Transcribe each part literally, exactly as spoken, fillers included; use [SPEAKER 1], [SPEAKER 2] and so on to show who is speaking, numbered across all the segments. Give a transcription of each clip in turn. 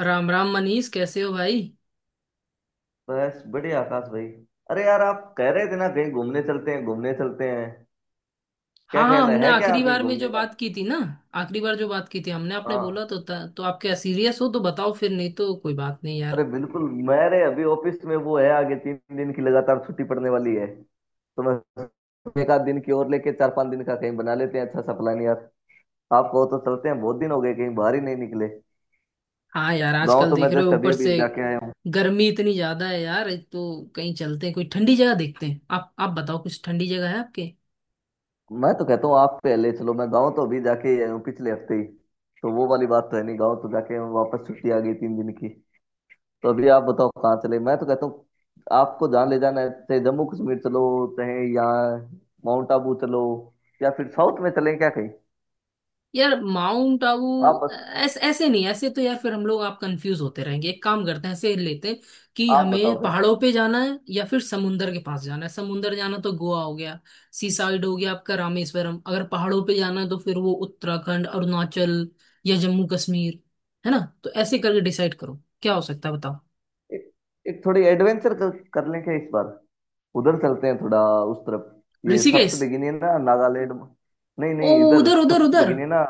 [SPEAKER 1] राम राम मनीष, कैसे हो भाई।
[SPEAKER 2] बस बढ़िया आकाश भाई। अरे यार, आप कह रहे थे ना कहीं घूमने चलते हैं, घूमने चलते हैं। क्या
[SPEAKER 1] हाँ हाँ,
[SPEAKER 2] ख्याल है,
[SPEAKER 1] हमने
[SPEAKER 2] है क्या
[SPEAKER 1] आखिरी
[SPEAKER 2] अभी
[SPEAKER 1] बार में जो
[SPEAKER 2] घूमने का?
[SPEAKER 1] बात की थी ना, आखिरी बार जो बात की थी हमने, आपने बोला
[SPEAKER 2] हाँ,
[SPEAKER 1] तो था, तो आप क्या सीरियस हो तो बताओ, फिर नहीं तो कोई बात नहीं यार।
[SPEAKER 2] अरे बिल्कुल। मेरे अभी ऑफिस में वो है, आगे तीन दिन की लगातार छुट्टी पड़ने वाली है, तो मैं एक आध दिन की और लेके चार पांच दिन का कहीं बना लेते हैं अच्छा सा प्लान यार। आप कहो तो चलते हैं, बहुत दिन हो गए कहीं बाहर ही नहीं निकले।
[SPEAKER 1] हाँ यार,
[SPEAKER 2] गाँव
[SPEAKER 1] आजकल
[SPEAKER 2] तो
[SPEAKER 1] देख
[SPEAKER 2] मैं
[SPEAKER 1] रहे हो,
[SPEAKER 2] जस्ट अभी
[SPEAKER 1] ऊपर
[SPEAKER 2] अभी
[SPEAKER 1] से
[SPEAKER 2] जाके आया हूँ।
[SPEAKER 1] गर्मी इतनी ज्यादा है यार। तो कहीं चलते हैं, कोई ठंडी जगह देखते हैं। आप आप बताओ, कुछ ठंडी जगह है आपके।
[SPEAKER 2] मैं तो कहता हूँ आप पहले चलो, मैं गाँव तो अभी जाके ही आया हूँ पिछले हफ्ते ही, तो वो वाली बात तो है नहीं। गाँव तो जाके वापस छुट्टी आ गई तीन दिन की, तो अभी आप बताओ कहाँ चले मैं तो कहता हूँ आपको जहाँ ले जाना है, चाहे जम्मू कश्मीर चलो, चाहे यहाँ माउंट आबू चलो, या फिर साउथ में चलें क्या कहीं।
[SPEAKER 1] यार माउंट आबू।
[SPEAKER 2] आप बस
[SPEAKER 1] ऐसे ऐसे नहीं, ऐसे तो यार फिर हम लोग आप कंफ्यूज होते रहेंगे। एक काम करते हैं, ऐसे लेते हैं कि
[SPEAKER 2] आप बताओ
[SPEAKER 1] हमें
[SPEAKER 2] फिर।
[SPEAKER 1] पहाड़ों पे जाना है या फिर समुंदर के पास जाना है। समुंदर जाना तो गोवा हो गया, सी साइड हो गया, आपका रामेश्वरम। अगर पहाड़ों पे जाना है तो फिर वो उत्तराखंड, अरुणाचल या जम्मू कश्मीर, है ना। तो ऐसे करके डिसाइड करो, क्या हो सकता है बताओ।
[SPEAKER 2] एक, एक थोड़ी एडवेंचर कर, कर लें क्या इस बार। उधर चलते हैं थोड़ा, उस तरफ। ये सप्त
[SPEAKER 1] ऋषिकेश।
[SPEAKER 2] है ना, नागालैंड। नहीं
[SPEAKER 1] ओ,
[SPEAKER 2] नहीं, इधर
[SPEAKER 1] उधर उधर
[SPEAKER 2] सप्त,
[SPEAKER 1] उधर।
[SPEAKER 2] है ना।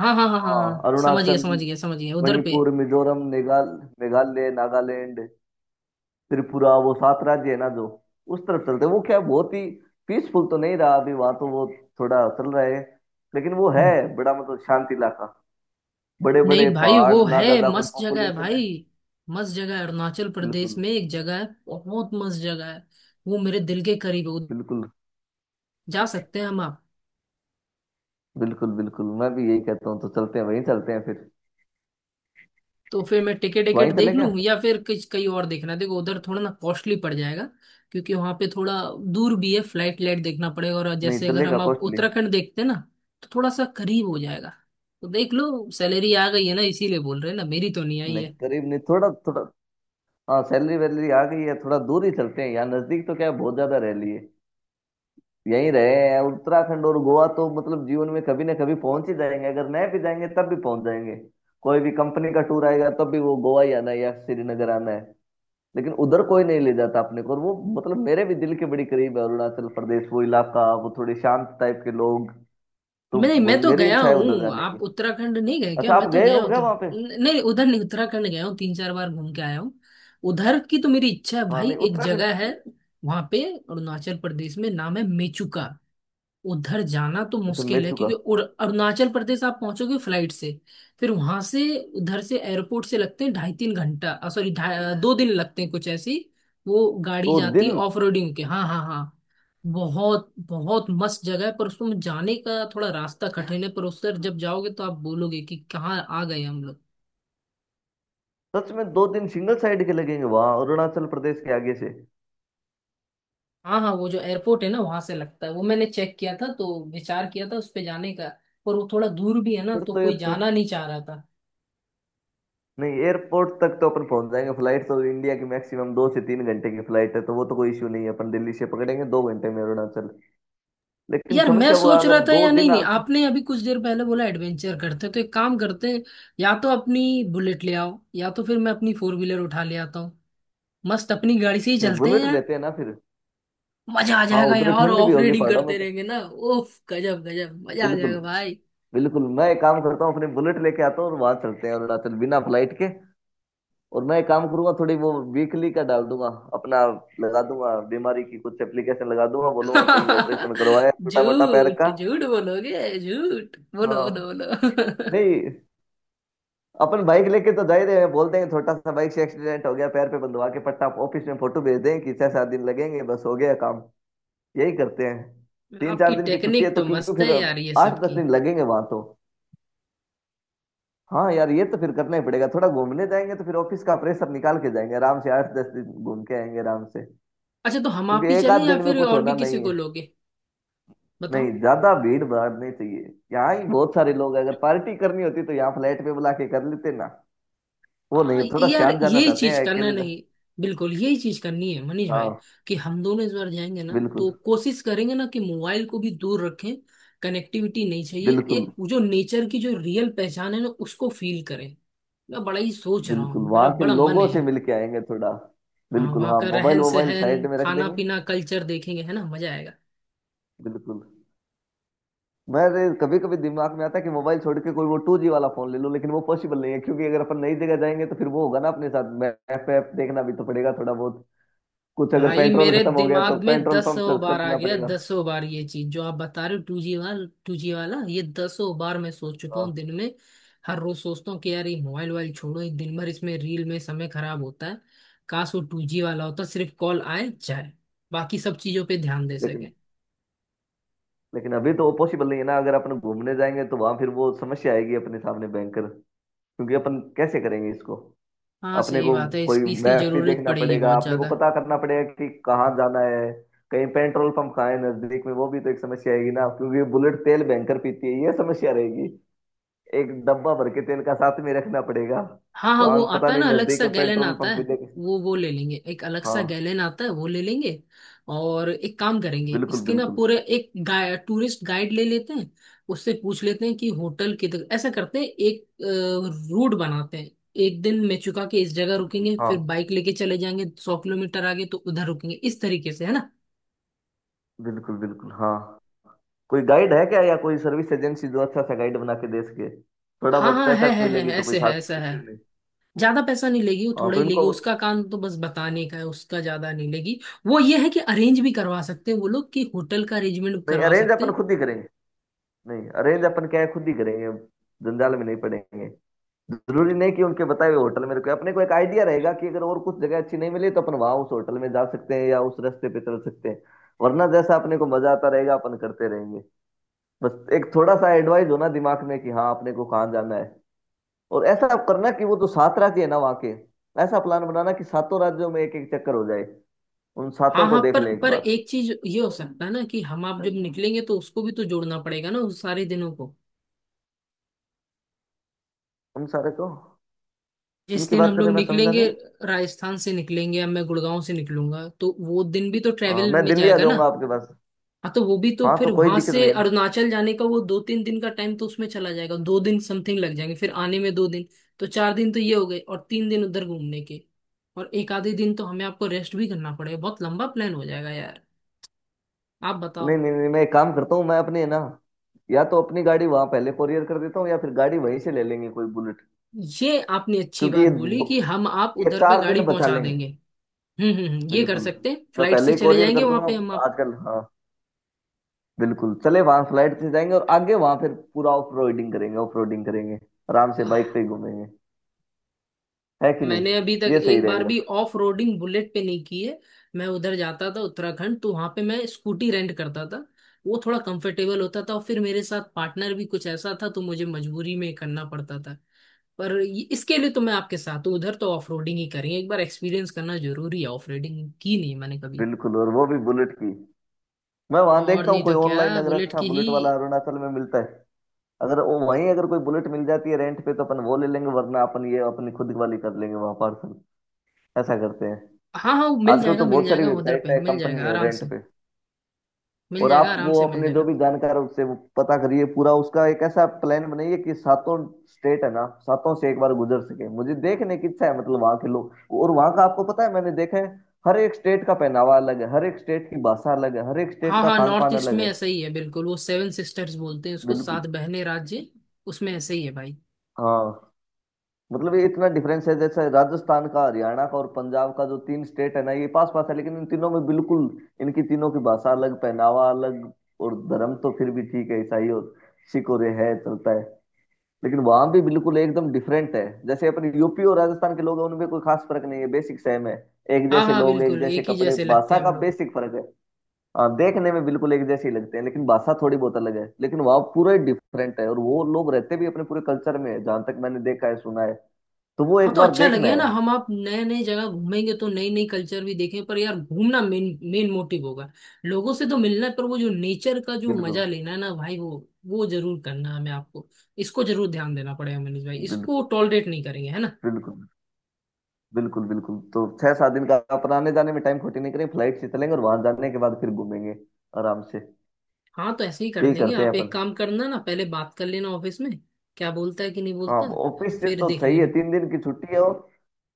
[SPEAKER 1] हाँ हाँ हाँ हाँ
[SPEAKER 2] हाँ,
[SPEAKER 1] हाँ, समझ गया
[SPEAKER 2] अरुणाचल,
[SPEAKER 1] समझ गया समझ गया उधर पे।
[SPEAKER 2] मणिपुर, मिजोरम, मेघाल मेघालय, नागालैंड, त्रिपुरा, वो सात राज्य है ना जो। उस तरफ चलते हैं। वो क्या बहुत ही पीसफुल तो नहीं रहा अभी वहां, तो वो थोड़ा चल रहा है, लेकिन वो है बड़ा मतलब शांति इलाका, बड़े बड़े
[SPEAKER 1] नहीं भाई,
[SPEAKER 2] पहाड़,
[SPEAKER 1] वो
[SPEAKER 2] ना
[SPEAKER 1] है
[SPEAKER 2] ज्यादा कोई
[SPEAKER 1] मस्त जगह है
[SPEAKER 2] पॉपुलेशन
[SPEAKER 1] भाई।
[SPEAKER 2] है।
[SPEAKER 1] मस्त जगह है, अरुणाचल प्रदेश
[SPEAKER 2] बिल्कुल।
[SPEAKER 1] में एक जगह है, बहुत मस्त जगह है। वो मेरे दिल के करीब है,
[SPEAKER 2] बिल्कुल।
[SPEAKER 1] जा सकते हैं हम आप।
[SPEAKER 2] बिल्कुल। बिल्कुल मैं भी यही कहता हूँ, तो चलते हैं वहीं, चलते हैं फिर।
[SPEAKER 1] तो फिर मैं टिकट टिकट
[SPEAKER 2] वहीं चले
[SPEAKER 1] देख
[SPEAKER 2] क्या?
[SPEAKER 1] लूँ या फिर कुछ कहीं और देखना है। देखो, उधर थोड़ा ना कॉस्टली पड़ जाएगा, क्योंकि वहां पे थोड़ा दूर भी है, फ्लाइट लाइट देखना पड़ेगा। और
[SPEAKER 2] नहीं
[SPEAKER 1] जैसे अगर
[SPEAKER 2] चलेगा
[SPEAKER 1] हम आप
[SPEAKER 2] कॉस्टली।
[SPEAKER 1] उत्तराखंड देखते हैं ना, तो थोड़ा सा करीब हो जाएगा। तो देख लो, सैलरी आ गई है ना, इसीलिए बोल रहे हैं ना, मेरी तो नहीं आई
[SPEAKER 2] नहीं
[SPEAKER 1] है।
[SPEAKER 2] करीब नहीं, थोड़ा थोड़ा। हाँ सैलरी वैलरी आ गई है, थोड़ा दूर ही चलते हैं। यहाँ नजदीक तो क्या है, बहुत ज्यादा रह लिए, यहीं रहे हैं। उत्तराखंड और गोवा तो मतलब जीवन में कभी ना कभी पहुंच ही जाएंगे, अगर नहीं भी जाएंगे तब भी पहुंच जाएंगे। कोई भी कंपनी का टूर आएगा तब भी वो गोवा ही आना है या श्रीनगर आना है, लेकिन उधर कोई नहीं ले जाता अपने को। और वो मतलब मेरे भी दिल के बड़ी करीब है अरुणाचल प्रदेश, वो इलाका, वो थोड़े शांत टाइप के लोग तो।
[SPEAKER 1] मैं नहीं, मैं
[SPEAKER 2] मु-
[SPEAKER 1] तो
[SPEAKER 2] मेरी
[SPEAKER 1] गया
[SPEAKER 2] इच्छा है उधर
[SPEAKER 1] हूँ।
[SPEAKER 2] जाने
[SPEAKER 1] आप
[SPEAKER 2] की।
[SPEAKER 1] उत्तराखंड नहीं गए क्या?
[SPEAKER 2] अच्छा
[SPEAKER 1] मैं
[SPEAKER 2] आप
[SPEAKER 1] तो
[SPEAKER 2] गए हो
[SPEAKER 1] गया
[SPEAKER 2] क्या
[SPEAKER 1] उत्तर
[SPEAKER 2] वहां पे?
[SPEAKER 1] न- नहीं, उधर नहीं, उत्तराखंड गया हूँ, तीन चार बार घूम के आया हूँ। उधर की तो मेरी इच्छा है
[SPEAKER 2] हाँ,
[SPEAKER 1] भाई,
[SPEAKER 2] नहीं
[SPEAKER 1] एक
[SPEAKER 2] उत्तराखंड।
[SPEAKER 1] जगह है वहां पे, अरुणाचल प्रदेश में, नाम है मेचुका। उधर जाना तो
[SPEAKER 2] अच्छा, मैं
[SPEAKER 1] मुश्किल है,
[SPEAKER 2] चुका।
[SPEAKER 1] क्योंकि उर- अरुणाचल प्रदेश आप पहुंचोगे फ्लाइट से, फिर वहां से, उधर से एयरपोर्ट से लगते हैं ढाई तीन घंटा, सॉरी, दो दिन लगते हैं, कुछ ऐसी वो गाड़ी
[SPEAKER 2] दो
[SPEAKER 1] जाती है
[SPEAKER 2] दिन?
[SPEAKER 1] ऑफ रोडिंग के। हाँ हाँ हाँ। बहुत बहुत मस्त जगह है, पर उसमें जाने का थोड़ा रास्ता कठिन है, पर उससे जब जाओगे तो आप बोलोगे कि कहाँ आ गए हम लोग।
[SPEAKER 2] सच में दो दिन सिंगल साइड के लगेंगे वहां अरुणाचल प्रदेश के आगे से?
[SPEAKER 1] हाँ हाँ, वो जो एयरपोर्ट है ना, वहां से लगता है। वो मैंने चेक किया था, तो विचार किया था उस पे जाने का, पर वो थोड़ा दूर भी है ना,
[SPEAKER 2] फिर
[SPEAKER 1] तो
[SPEAKER 2] तो ये
[SPEAKER 1] कोई
[SPEAKER 2] थोड़ा,
[SPEAKER 1] जाना नहीं चाह रहा था।
[SPEAKER 2] नहीं एयरपोर्ट तक तो अपन पहुंच जाएंगे, फ्लाइट तो इंडिया की मैक्सिमम दो से तीन घंटे की फ्लाइट है, तो वो तो कोई इश्यू नहीं है, अपन दिल्ली से पकड़ेंगे दो घंटे में अरुणाचल। लेकिन
[SPEAKER 1] यार मैं
[SPEAKER 2] समस्या वो
[SPEAKER 1] सोच रहा
[SPEAKER 2] अगर
[SPEAKER 1] था,
[SPEAKER 2] दो
[SPEAKER 1] या नहीं
[SPEAKER 2] दिन
[SPEAKER 1] नहीं,
[SPEAKER 2] आगे।
[SPEAKER 1] आपने अभी कुछ देर पहले बोला एडवेंचर करते हैं, तो एक काम करते हैं। या तो अपनी बुलेट ले आओ या तो फिर मैं अपनी फोर व्हीलर उठा ले आता हूँ। मस्त अपनी गाड़ी से ही
[SPEAKER 2] नहीं,
[SPEAKER 1] चलते हैं
[SPEAKER 2] बुलेट
[SPEAKER 1] यार।
[SPEAKER 2] लेते हैं ना फिर।
[SPEAKER 1] मजा आ
[SPEAKER 2] हाँ,
[SPEAKER 1] जाएगा
[SPEAKER 2] उधर
[SPEAKER 1] यार,
[SPEAKER 2] ठंड भी
[SPEAKER 1] ऑफ
[SPEAKER 2] होगी
[SPEAKER 1] रेडिंग
[SPEAKER 2] पहाड़ों में
[SPEAKER 1] करते
[SPEAKER 2] तो।
[SPEAKER 1] रहेंगे ना, उफ गजब गजब मजा आ
[SPEAKER 2] बिल्कुल।
[SPEAKER 1] जाएगा भाई।
[SPEAKER 2] बिल्कुल मैं एक काम करता हूँ, अपनी बुलेट लेके आता हूँ और वहां चलते हैं अरुणाचल, बिना फ्लाइट के। और मैं एक काम करूंगा, थोड़ी वो वीकली का डाल दूंगा अपना, लगा दूंगा बीमारी की कुछ एप्लीकेशन लगा दूंगा, बोलूंगा कहीं ऑपरेशन करवाया छोटा मोटा पैर
[SPEAKER 1] झूठ
[SPEAKER 2] का।
[SPEAKER 1] झूठ बोलोगे, झूठ बोलो बोलो
[SPEAKER 2] हाँ।
[SPEAKER 1] बोलो।
[SPEAKER 2] नहीं, अपन बाइक लेके तो जाए रहे हैं, बोलते हैं छोटा सा बाइक से एक्सीडेंट हो गया, पैर पे बंधवा के पट्टा ऑफिस में फोटो भेज दें कि छह सात दिन लगेंगे, बस हो गया काम। यही करते हैं, तीन चार
[SPEAKER 1] आपकी
[SPEAKER 2] दिन की छुट्टी है
[SPEAKER 1] टेक्निक
[SPEAKER 2] तो,
[SPEAKER 1] तो
[SPEAKER 2] क्योंकि
[SPEAKER 1] मस्त है
[SPEAKER 2] फिर
[SPEAKER 1] यार, ये सब
[SPEAKER 2] आठ दस
[SPEAKER 1] की।
[SPEAKER 2] दिन लगेंगे वहां तो। हाँ यार, ये तो फिर करना ही पड़ेगा, थोड़ा घूमने जाएंगे तो फिर ऑफिस का प्रेशर निकाल के जाएंगे आराम से, आठ दस दिन घूम के आएंगे आराम से।
[SPEAKER 1] अच्छा, तो हम आप
[SPEAKER 2] क्योंकि
[SPEAKER 1] ही
[SPEAKER 2] एक
[SPEAKER 1] चलें
[SPEAKER 2] आध
[SPEAKER 1] या
[SPEAKER 2] दिन में
[SPEAKER 1] फिर
[SPEAKER 2] कुछ
[SPEAKER 1] और भी
[SPEAKER 2] होना
[SPEAKER 1] किसी
[SPEAKER 2] नहीं
[SPEAKER 1] को
[SPEAKER 2] है।
[SPEAKER 1] लोगे, बताओ।
[SPEAKER 2] नहीं, ज्यादा भीड़ भाड़ नहीं चाहिए। यहाँ ही बहुत सारे लोग हैं। अगर पार्टी करनी होती तो यहाँ फ्लैट पे बुला के कर लेते ना। वो
[SPEAKER 1] आ,
[SPEAKER 2] नहीं, थोड़ा
[SPEAKER 1] यार
[SPEAKER 2] शांत जाना
[SPEAKER 1] यही
[SPEAKER 2] चाहते
[SPEAKER 1] चीज
[SPEAKER 2] हैं
[SPEAKER 1] करना,
[SPEAKER 2] अकेले जा-
[SPEAKER 1] नहीं बिल्कुल यही चीज करनी है मनीष भाई।
[SPEAKER 2] हाँ।
[SPEAKER 1] कि हम दोनों इस बार जाएंगे ना, तो
[SPEAKER 2] बिल्कुल।
[SPEAKER 1] कोशिश करेंगे ना कि मोबाइल को भी दूर रखें। कनेक्टिविटी नहीं चाहिए,
[SPEAKER 2] बिल्कुल।
[SPEAKER 1] एक जो नेचर की जो रियल पहचान है ना, उसको फील करें। मैं बड़ा ही सोच रहा
[SPEAKER 2] बिल्कुल
[SPEAKER 1] हूँ, मेरा
[SPEAKER 2] वहां के
[SPEAKER 1] बड़ा मन
[SPEAKER 2] लोगों से
[SPEAKER 1] है।
[SPEAKER 2] मिल के आएंगे थोड़ा।
[SPEAKER 1] हाँ,
[SPEAKER 2] बिल्कुल,
[SPEAKER 1] वहाँ
[SPEAKER 2] हाँ
[SPEAKER 1] का
[SPEAKER 2] मोबाइल
[SPEAKER 1] रहन
[SPEAKER 2] मोबाइल
[SPEAKER 1] सहन
[SPEAKER 2] साइड में रख
[SPEAKER 1] खाना
[SPEAKER 2] देंगे।
[SPEAKER 1] पीना कल्चर देखेंगे, है ना, मजा आएगा।
[SPEAKER 2] बिल्कुल। मेरे कभी कभी दिमाग में आता है कि मोबाइल छोड़ के कोई वो टू जी वाला फोन ले लो, लेकिन वो पॉसिबल नहीं है, क्योंकि अगर अपन नई जगह जाएंगे तो फिर वो होगा ना अपने साथ, मैप ऐप देखना भी तो पड़ेगा थोड़ा बहुत, कुछ अगर
[SPEAKER 1] भाई
[SPEAKER 2] पेट्रोल
[SPEAKER 1] मेरे
[SPEAKER 2] खत्म हो गया तो
[SPEAKER 1] दिमाग में
[SPEAKER 2] पेट्रोल पंप
[SPEAKER 1] दसों
[SPEAKER 2] सर्च
[SPEAKER 1] बार आ
[SPEAKER 2] करना
[SPEAKER 1] गया,
[SPEAKER 2] पड़ेगा।
[SPEAKER 1] दसों बार ये चीज जो आप बता रहे हो, टू जी वाला टू जी वाला, ये दसों बार मैं सोच चुका
[SPEAKER 2] हाँ,
[SPEAKER 1] हूँ दिन में। हर रोज सोचता हूँ कि यार ये मोबाइल वोबाइल छोड़ो, ये दिन भर इसमें रील में समय खराब होता है। काश वो टू जी वाला होता, सिर्फ कॉल आए जाए, बाकी सब चीजों पे ध्यान दे
[SPEAKER 2] लेकिन,
[SPEAKER 1] सके।
[SPEAKER 2] लेकिन अभी तो वो पॉसिबल नहीं है ना, अगर अपन घूमने जाएंगे तो वहां फिर वो समस्या आएगी अपने सामने भयंकर। क्योंकि अपन कैसे करेंगे इसको,
[SPEAKER 1] हाँ
[SPEAKER 2] अपने
[SPEAKER 1] सही
[SPEAKER 2] को
[SPEAKER 1] बात है।
[SPEAKER 2] कोई
[SPEAKER 1] इसकी इसकी
[SPEAKER 2] मैप भी
[SPEAKER 1] जरूरत
[SPEAKER 2] देखना
[SPEAKER 1] पड़ेगी
[SPEAKER 2] पड़ेगा,
[SPEAKER 1] बहुत
[SPEAKER 2] अपने को
[SPEAKER 1] ज्यादा।
[SPEAKER 2] पता करना पड़ेगा कि कहाँ जाना है, कहीं पेट्रोल पंप कहाँ है नजदीक में, वो भी तो एक समस्या आएगी ना, क्योंकि बुलेट तेल भयंकर पीती है, ये समस्या रहेगी। एक डब्बा भर के तेल का साथ में रखना पड़ेगा,
[SPEAKER 1] हाँ हाँ, वो
[SPEAKER 2] वहां पता
[SPEAKER 1] आता है
[SPEAKER 2] नहीं
[SPEAKER 1] ना, अलग
[SPEAKER 2] नजदीक
[SPEAKER 1] सा
[SPEAKER 2] में
[SPEAKER 1] गैलन
[SPEAKER 2] पेट्रोल
[SPEAKER 1] आता
[SPEAKER 2] पंप
[SPEAKER 1] है।
[SPEAKER 2] मिलेगा।
[SPEAKER 1] वो वो ले लेंगे, एक अलग सा
[SPEAKER 2] हाँ।
[SPEAKER 1] गैलन आता है, वो ले लेंगे। और एक काम करेंगे,
[SPEAKER 2] बिल्कुल
[SPEAKER 1] इसके ना
[SPEAKER 2] बिल्कुल,
[SPEAKER 1] पूरे एक गाय टूरिस्ट गाइड ले लेते हैं, उससे पूछ लेते हैं कि होटल किधर। ऐसा करते हैं, एक रूट बनाते हैं। एक दिन मेचुका के इस जगह रुकेंगे, फिर
[SPEAKER 2] हाँ।
[SPEAKER 1] बाइक लेके चले जाएंगे सौ किलोमीटर आगे, तो उधर रुकेंगे इस तरीके से, है ना।
[SPEAKER 2] बिल्कुल बिल्कुल, हाँ। कोई गाइड है क्या या कोई सर्विस एजेंसी जो अच्छा सा गाइड बना के दे सके? थोड़ा
[SPEAKER 1] हाँ
[SPEAKER 2] बहुत
[SPEAKER 1] हाँ, है
[SPEAKER 2] पैसा
[SPEAKER 1] है है
[SPEAKER 2] मिलेगी तो कोई
[SPEAKER 1] ऐसे है,
[SPEAKER 2] खास
[SPEAKER 1] ऐसा है।
[SPEAKER 2] इश्यू नहीं।
[SPEAKER 1] ज्यादा पैसा नहीं लेगी, वो
[SPEAKER 2] हाँ,
[SPEAKER 1] थोड़ा
[SPEAKER 2] तो
[SPEAKER 1] ही लेगी,
[SPEAKER 2] इनको,
[SPEAKER 1] उसका काम तो बस बताने का है, उसका ज्यादा नहीं लेगी। वो ये है कि अरेंज भी करवा सकते हैं वो लोग, कि होटल का अरेंजमेंट
[SPEAKER 2] नहीं
[SPEAKER 1] करवा
[SPEAKER 2] अरेंज
[SPEAKER 1] सकते
[SPEAKER 2] अपन
[SPEAKER 1] हैं।
[SPEAKER 2] खुद ही करेंगे। नहीं अरेंज अपन क्या है खुद ही करेंगे, जंजाल में नहीं पड़ेंगे। जरूरी नहीं कि उनके बताए हुए होटल में रुके, अपने को एक आइडिया रहेगा कि अगर और कुछ जगह अच्छी नहीं मिली तो अपन वहां उस होटल में जा सकते हैं या उस रास्ते पे चल सकते हैं। वरना जैसा अपने को मजा आता रहेगा अपन करते रहेंगे। बस एक थोड़ा सा एडवाइस होना दिमाग में कि हाँ, अपने को कहाँ जाना है। और ऐसा आप करना कि वो जो सात राज्य है ना वहाँ के, ऐसा प्लान बनाना कि सातों राज्यों में एक एक चक्कर हो जाए, उन
[SPEAKER 1] हाँ
[SPEAKER 2] सातों को
[SPEAKER 1] हाँ,
[SPEAKER 2] देख
[SPEAKER 1] पर
[SPEAKER 2] ले एक
[SPEAKER 1] पर
[SPEAKER 2] बार।
[SPEAKER 1] एक चीज ये हो सकता है ना कि हम आप जब निकलेंगे, तो उसको भी तो जोड़ना पड़ेगा ना उस सारे दिनों को।
[SPEAKER 2] उन सारे को, किन
[SPEAKER 1] जिस
[SPEAKER 2] की
[SPEAKER 1] दिन
[SPEAKER 2] बात
[SPEAKER 1] हम
[SPEAKER 2] कर रहे
[SPEAKER 1] लोग
[SPEAKER 2] हैं, मैं समझा
[SPEAKER 1] निकलेंगे,
[SPEAKER 2] नहीं।
[SPEAKER 1] राजस्थान से निकलेंगे या मैं गुड़गांव से निकलूंगा, तो वो दिन भी तो
[SPEAKER 2] हाँ,
[SPEAKER 1] ट्रेवल
[SPEAKER 2] मैं
[SPEAKER 1] में
[SPEAKER 2] दिल्ली आ
[SPEAKER 1] जाएगा ना।
[SPEAKER 2] जाऊंगा आपके पास।
[SPEAKER 1] हाँ, तो वो भी तो
[SPEAKER 2] हाँ
[SPEAKER 1] फिर
[SPEAKER 2] तो कोई
[SPEAKER 1] वहां
[SPEAKER 2] दिक्कत
[SPEAKER 1] से
[SPEAKER 2] नहीं है ना।
[SPEAKER 1] अरुणाचल जाने का वो दो तीन दिन का टाइम तो उसमें चला जाएगा। दो दिन समथिंग लग जाएंगे, फिर आने में दो दिन। तो चार दिन तो ये हो गए, और तीन दिन उधर घूमने के, और एक आधे दिन तो हमें आपको रेस्ट भी करना पड़ेगा। बहुत लंबा प्लान हो जाएगा यार। आप बताओ।
[SPEAKER 2] नहीं नहीं नहीं, मैं एक काम करता हूँ, मैं अपनी है ना, या तो अपनी गाड़ी वहां पहले कोरियर कर देता हूँ, या फिर गाड़ी वहीं से ले लेंगे कोई बुलेट।
[SPEAKER 1] ये आपने अच्छी
[SPEAKER 2] क्योंकि
[SPEAKER 1] बात
[SPEAKER 2] ये
[SPEAKER 1] बोली
[SPEAKER 2] दो,
[SPEAKER 1] कि हम आप
[SPEAKER 2] ये
[SPEAKER 1] उधर पे
[SPEAKER 2] चार
[SPEAKER 1] गाड़ी
[SPEAKER 2] दिन बचा
[SPEAKER 1] पहुंचा
[SPEAKER 2] लेंगे।
[SPEAKER 1] देंगे। हम्म हम्म हम्म, ये कर
[SPEAKER 2] बिल्कुल,
[SPEAKER 1] सकते हैं,
[SPEAKER 2] मैं
[SPEAKER 1] फ्लाइट
[SPEAKER 2] पहले
[SPEAKER 1] से
[SPEAKER 2] ही
[SPEAKER 1] चले
[SPEAKER 2] कोरियर
[SPEAKER 1] जाएंगे
[SPEAKER 2] कर
[SPEAKER 1] वहां
[SPEAKER 2] दूंगा
[SPEAKER 1] पे हम आप।
[SPEAKER 2] आजकल। हाँ बिल्कुल, चले वहां, फ्लाइट से जाएंगे और आगे वहां फिर पूरा ऑफ रोडिंग करेंगे, ऑफ रोडिंग करेंगे। आराम से बाइक पे ही घूमेंगे, है कि
[SPEAKER 1] मैंने अभी
[SPEAKER 2] नहीं?
[SPEAKER 1] तक
[SPEAKER 2] ये सही
[SPEAKER 1] एक बार
[SPEAKER 2] रहेगा।
[SPEAKER 1] भी ऑफ रोडिंग बुलेट पे नहीं की है। मैं उधर जाता था उत्तराखंड, तो वहां पे मैं स्कूटी रेंट करता था। वो थोड़ा कंफर्टेबल होता था, और फिर मेरे साथ पार्टनर भी कुछ ऐसा था, तो मुझे मजबूरी में करना पड़ता था। पर ये- इसके लिए तो मैं आपके साथ हूँ, उधर तो ऑफ रोडिंग ही करेंगे। एक बार एक्सपीरियंस करना जरूरी है ऑफ रोडिंग की, नहीं मैंने कभी।
[SPEAKER 2] बिल्कुल, और वो भी बुलेट की। मैं वहां
[SPEAKER 1] और
[SPEAKER 2] देखता हूँ
[SPEAKER 1] नहीं
[SPEAKER 2] कोई
[SPEAKER 1] तो क्या,
[SPEAKER 2] ऑनलाइन अगर
[SPEAKER 1] बुलेट
[SPEAKER 2] अच्छा
[SPEAKER 1] की ही।
[SPEAKER 2] बुलेट वाला अरुणाचल में मिलता है, अगर वो वहीं अगर कोई बुलेट मिल जाती है रेंट पे तो अपन वो ले लेंगे, वरना अपन ये अपनी खुद वाली कर लेंगे वहां पार्सल। ऐसा करते हैं,
[SPEAKER 1] हाँ हाँ, मिल
[SPEAKER 2] आजकल
[SPEAKER 1] जाएगा
[SPEAKER 2] तो
[SPEAKER 1] मिल
[SPEAKER 2] बहुत सारी
[SPEAKER 1] जाएगा, उधर पे
[SPEAKER 2] वेबसाइट है,
[SPEAKER 1] मिल
[SPEAKER 2] कंपनी
[SPEAKER 1] जाएगा
[SPEAKER 2] है
[SPEAKER 1] आराम से।
[SPEAKER 2] रेंट पे।
[SPEAKER 1] मिल
[SPEAKER 2] और
[SPEAKER 1] जाएगा
[SPEAKER 2] आप
[SPEAKER 1] आराम
[SPEAKER 2] वो
[SPEAKER 1] से, मिल
[SPEAKER 2] अपने जो
[SPEAKER 1] जाएगा।
[SPEAKER 2] भी जानकार है उससे वो पता करिए, पूरा उसका एक ऐसा प्लान बनाइए कि सातों स्टेट है ना, सातों से एक बार गुजर सके, मुझे देखने की इच्छा है। मतलब वहां के लोग, और वहां का आपको पता है, मैंने देखा है हर एक स्टेट का पहनावा अलग है, हर एक स्टेट की भाषा अलग है, हर एक स्टेट
[SPEAKER 1] हाँ
[SPEAKER 2] का
[SPEAKER 1] हाँ,
[SPEAKER 2] खान
[SPEAKER 1] नॉर्थ
[SPEAKER 2] पान
[SPEAKER 1] ईस्ट
[SPEAKER 2] अलग
[SPEAKER 1] में
[SPEAKER 2] है।
[SPEAKER 1] ऐसा ही है, बिल्कुल। वो सेवन सिस्टर्स बोलते हैं उसको,
[SPEAKER 2] बिल्कुल,
[SPEAKER 1] सात बहने राज्य, उसमें ऐसे ही है भाई।
[SPEAKER 2] हाँ मतलब ये इतना डिफरेंस है जैसे राजस्थान का, हरियाणा का और पंजाब का, जो तीन स्टेट है ना ये पास पास है, लेकिन इन तीनों में बिल्कुल, इनकी तीनों की भाषा अलग, पहनावा अलग। और धर्म तो फिर भी ठीक है, ईसाई और सिख और ये है, चलता है। लेकिन वहां भी बिल्कुल एकदम डिफरेंट है, जैसे अपने यूपी और राजस्थान के लोग हैं उनमें कोई खास फर्क नहीं है, बेसिक सेम है, एक
[SPEAKER 1] हाँ
[SPEAKER 2] जैसे
[SPEAKER 1] हाँ
[SPEAKER 2] लोग, एक
[SPEAKER 1] बिल्कुल,
[SPEAKER 2] जैसे
[SPEAKER 1] एक ही
[SPEAKER 2] कपड़े,
[SPEAKER 1] जैसे लगते
[SPEAKER 2] भाषा
[SPEAKER 1] हैं हम
[SPEAKER 2] का
[SPEAKER 1] लोग।
[SPEAKER 2] बेसिक फर्क है। हाँ देखने में बिल्कुल एक जैसे ही लगते हैं, लेकिन भाषा थोड़ी बहुत अलग है, लेकिन वहाँ पूरा डिफरेंट है, और वो लोग रहते भी अपने पूरे कल्चर में है जहां तक मैंने देखा है, सुना है, तो वो
[SPEAKER 1] हाँ,
[SPEAKER 2] एक
[SPEAKER 1] तो
[SPEAKER 2] बार
[SPEAKER 1] अच्छा
[SPEAKER 2] देखना
[SPEAKER 1] लगे ना,
[SPEAKER 2] है।
[SPEAKER 1] हम आप नए नए जगह घूमेंगे तो नई नई कल्चर भी देखें। पर यार घूमना मेन मेन मोटिव होगा। लोगों से तो मिलना है, पर वो जो नेचर का जो
[SPEAKER 2] बिल्कुल।
[SPEAKER 1] मजा लेना है ना भाई, वो वो जरूर करना है हमें आपको। इसको जरूर ध्यान देना पड़ेगा मनीष भाई,
[SPEAKER 2] बिल्कुल।
[SPEAKER 1] इसको टॉलरेट नहीं करेंगे, है ना।
[SPEAKER 2] बिल्कुल। बिल्कुल। बिल्कुल तो छह सात दिन का अपन आने जाने में टाइम खोटी नहीं करेंगे, फ्लाइट से चलेंगे और वहां जाने के बाद फिर घूमेंगे आराम से।
[SPEAKER 1] हाँ, तो ऐसे ही कर
[SPEAKER 2] यही
[SPEAKER 1] देंगे।
[SPEAKER 2] करते हैं
[SPEAKER 1] आप एक
[SPEAKER 2] अपन।
[SPEAKER 1] काम करना ना, पहले बात कर लेना ऑफिस में क्या बोलता है कि नहीं
[SPEAKER 2] हाँ,
[SPEAKER 1] बोलता,
[SPEAKER 2] ऑफिस से
[SPEAKER 1] फिर
[SPEAKER 2] तो
[SPEAKER 1] देख
[SPEAKER 2] सही है,
[SPEAKER 1] लेना।
[SPEAKER 2] तीन दिन की छुट्टी है और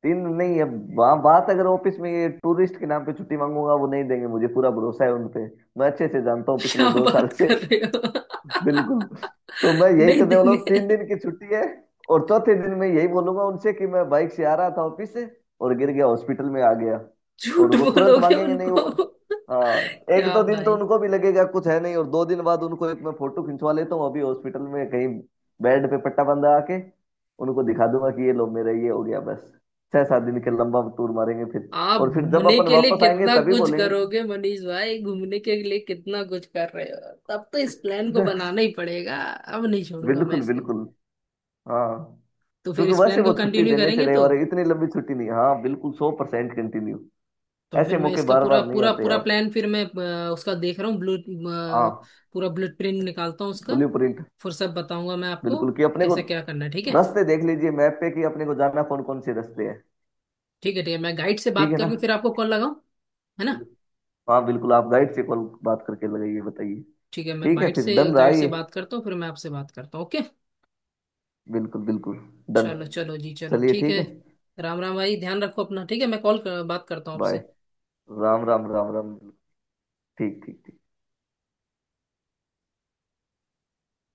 [SPEAKER 2] तीन नहीं है। बा, बात अगर ऑफिस में ये टूरिस्ट के नाम पे छुट्टी मांगूंगा, वो नहीं देंगे, मुझे पूरा भरोसा है उन पे, मैं अच्छे से जानता हूँ
[SPEAKER 1] क्या
[SPEAKER 2] पिछले दो साल
[SPEAKER 1] बात
[SPEAKER 2] से।
[SPEAKER 1] कर रहे हो?
[SPEAKER 2] बिल्कुल, तो मैं यही
[SPEAKER 1] नहीं
[SPEAKER 2] करने वाला
[SPEAKER 1] देंगे।
[SPEAKER 2] हूँ। तीन दिन की छुट्टी है, और चौथे दिन मैं यही बोलूंगा उनसे कि मैं बाइक से आ रहा था ऑफिस से और गिर गया, हॉस्पिटल में आ गया, और
[SPEAKER 1] झूठ
[SPEAKER 2] वो तुरंत
[SPEAKER 1] बोलोगे
[SPEAKER 2] मांगेंगे नहीं
[SPEAKER 1] उनको?
[SPEAKER 2] वो। हाँ एक
[SPEAKER 1] क्या
[SPEAKER 2] दो दिन तो
[SPEAKER 1] भाई,
[SPEAKER 2] उनको भी लगेगा कुछ है नहीं, और दो दिन बाद उनको एक मैं फोटो खिंचवा लेता हूँ अभी हॉस्पिटल में कहीं, बेड पे पट्टा बंधा आके उनको दिखा दूंगा कि ये लो मेरा ये हो गया, बस छह सात दिन के लंबा टूर मारेंगे फिर,
[SPEAKER 1] आप
[SPEAKER 2] और फिर जब
[SPEAKER 1] घूमने
[SPEAKER 2] अपन
[SPEAKER 1] के लिए
[SPEAKER 2] वापस आएंगे
[SPEAKER 1] कितना
[SPEAKER 2] तभी
[SPEAKER 1] कुछ
[SPEAKER 2] बोलेंगे कि
[SPEAKER 1] करोगे मनीष भाई, घूमने के लिए कितना कुछ कर रहे हो। तब तो इस प्लान को
[SPEAKER 2] कितना।
[SPEAKER 1] बनाना ही पड़ेगा, अब नहीं छोड़ूंगा मैं
[SPEAKER 2] बिल्कुल
[SPEAKER 1] इसे।
[SPEAKER 2] बिल्कुल, हाँ।
[SPEAKER 1] तो फिर
[SPEAKER 2] क्योंकि
[SPEAKER 1] इस
[SPEAKER 2] वैसे
[SPEAKER 1] प्लान
[SPEAKER 2] वो
[SPEAKER 1] को
[SPEAKER 2] छुट्टी
[SPEAKER 1] कंटिन्यू
[SPEAKER 2] देने से
[SPEAKER 1] करेंगे
[SPEAKER 2] रहे,
[SPEAKER 1] तो।
[SPEAKER 2] और इतनी लंबी छुट्टी नहीं। हाँ बिल्कुल, सौ परसेंट कंटिन्यू।
[SPEAKER 1] तो
[SPEAKER 2] ऐसे
[SPEAKER 1] फिर मैं
[SPEAKER 2] मौके
[SPEAKER 1] इसका
[SPEAKER 2] बार
[SPEAKER 1] पूरा
[SPEAKER 2] बार नहीं
[SPEAKER 1] पूरा
[SPEAKER 2] आते
[SPEAKER 1] पूरा
[SPEAKER 2] यार।
[SPEAKER 1] प्लान, फिर मैं अ, उसका देख रहा हूँ। ब्लू
[SPEAKER 2] हाँ,
[SPEAKER 1] पूरा ब्लूप्रिंट निकालता हूँ उसका,
[SPEAKER 2] ब्लू प्रिंट।
[SPEAKER 1] फिर सब बताऊंगा मैं आपको
[SPEAKER 2] बिल्कुल, कि अपने को
[SPEAKER 1] कैसे क्या करना है, ठीक है।
[SPEAKER 2] रास्ते देख लीजिए मैप पे, कि अपने को जाना कौन कौन से रास्ते हैं।
[SPEAKER 1] ठीक है ठीक है, मैं गाइड से
[SPEAKER 2] ठीक
[SPEAKER 1] बात
[SPEAKER 2] है ना।
[SPEAKER 1] करके फिर आपको कॉल लगाऊं, है ना।
[SPEAKER 2] हाँ बिल्कुल, आप गाइड से कॉल बात करके लगाइए, बताइए।
[SPEAKER 1] ठीक है, मैं
[SPEAKER 2] ठीक है
[SPEAKER 1] गाइड
[SPEAKER 2] फिर,
[SPEAKER 1] से
[SPEAKER 2] डन रहा
[SPEAKER 1] गाइड से
[SPEAKER 2] ये।
[SPEAKER 1] बात करता हूँ, फिर मैं आपसे बात करता हूँ, ओके।
[SPEAKER 2] बिल्कुल बिल्कुल। डन।
[SPEAKER 1] चलो चलो जी, चलो
[SPEAKER 2] चलिए
[SPEAKER 1] ठीक
[SPEAKER 2] ठीक
[SPEAKER 1] है।
[SPEAKER 2] है।
[SPEAKER 1] राम राम भाई, ध्यान रखो अपना, ठीक है, मैं कॉल कर, बात करता हूँ
[SPEAKER 2] बाय।
[SPEAKER 1] आपसे।
[SPEAKER 2] राम राम, राम राम। ठीक ठीक ठीक।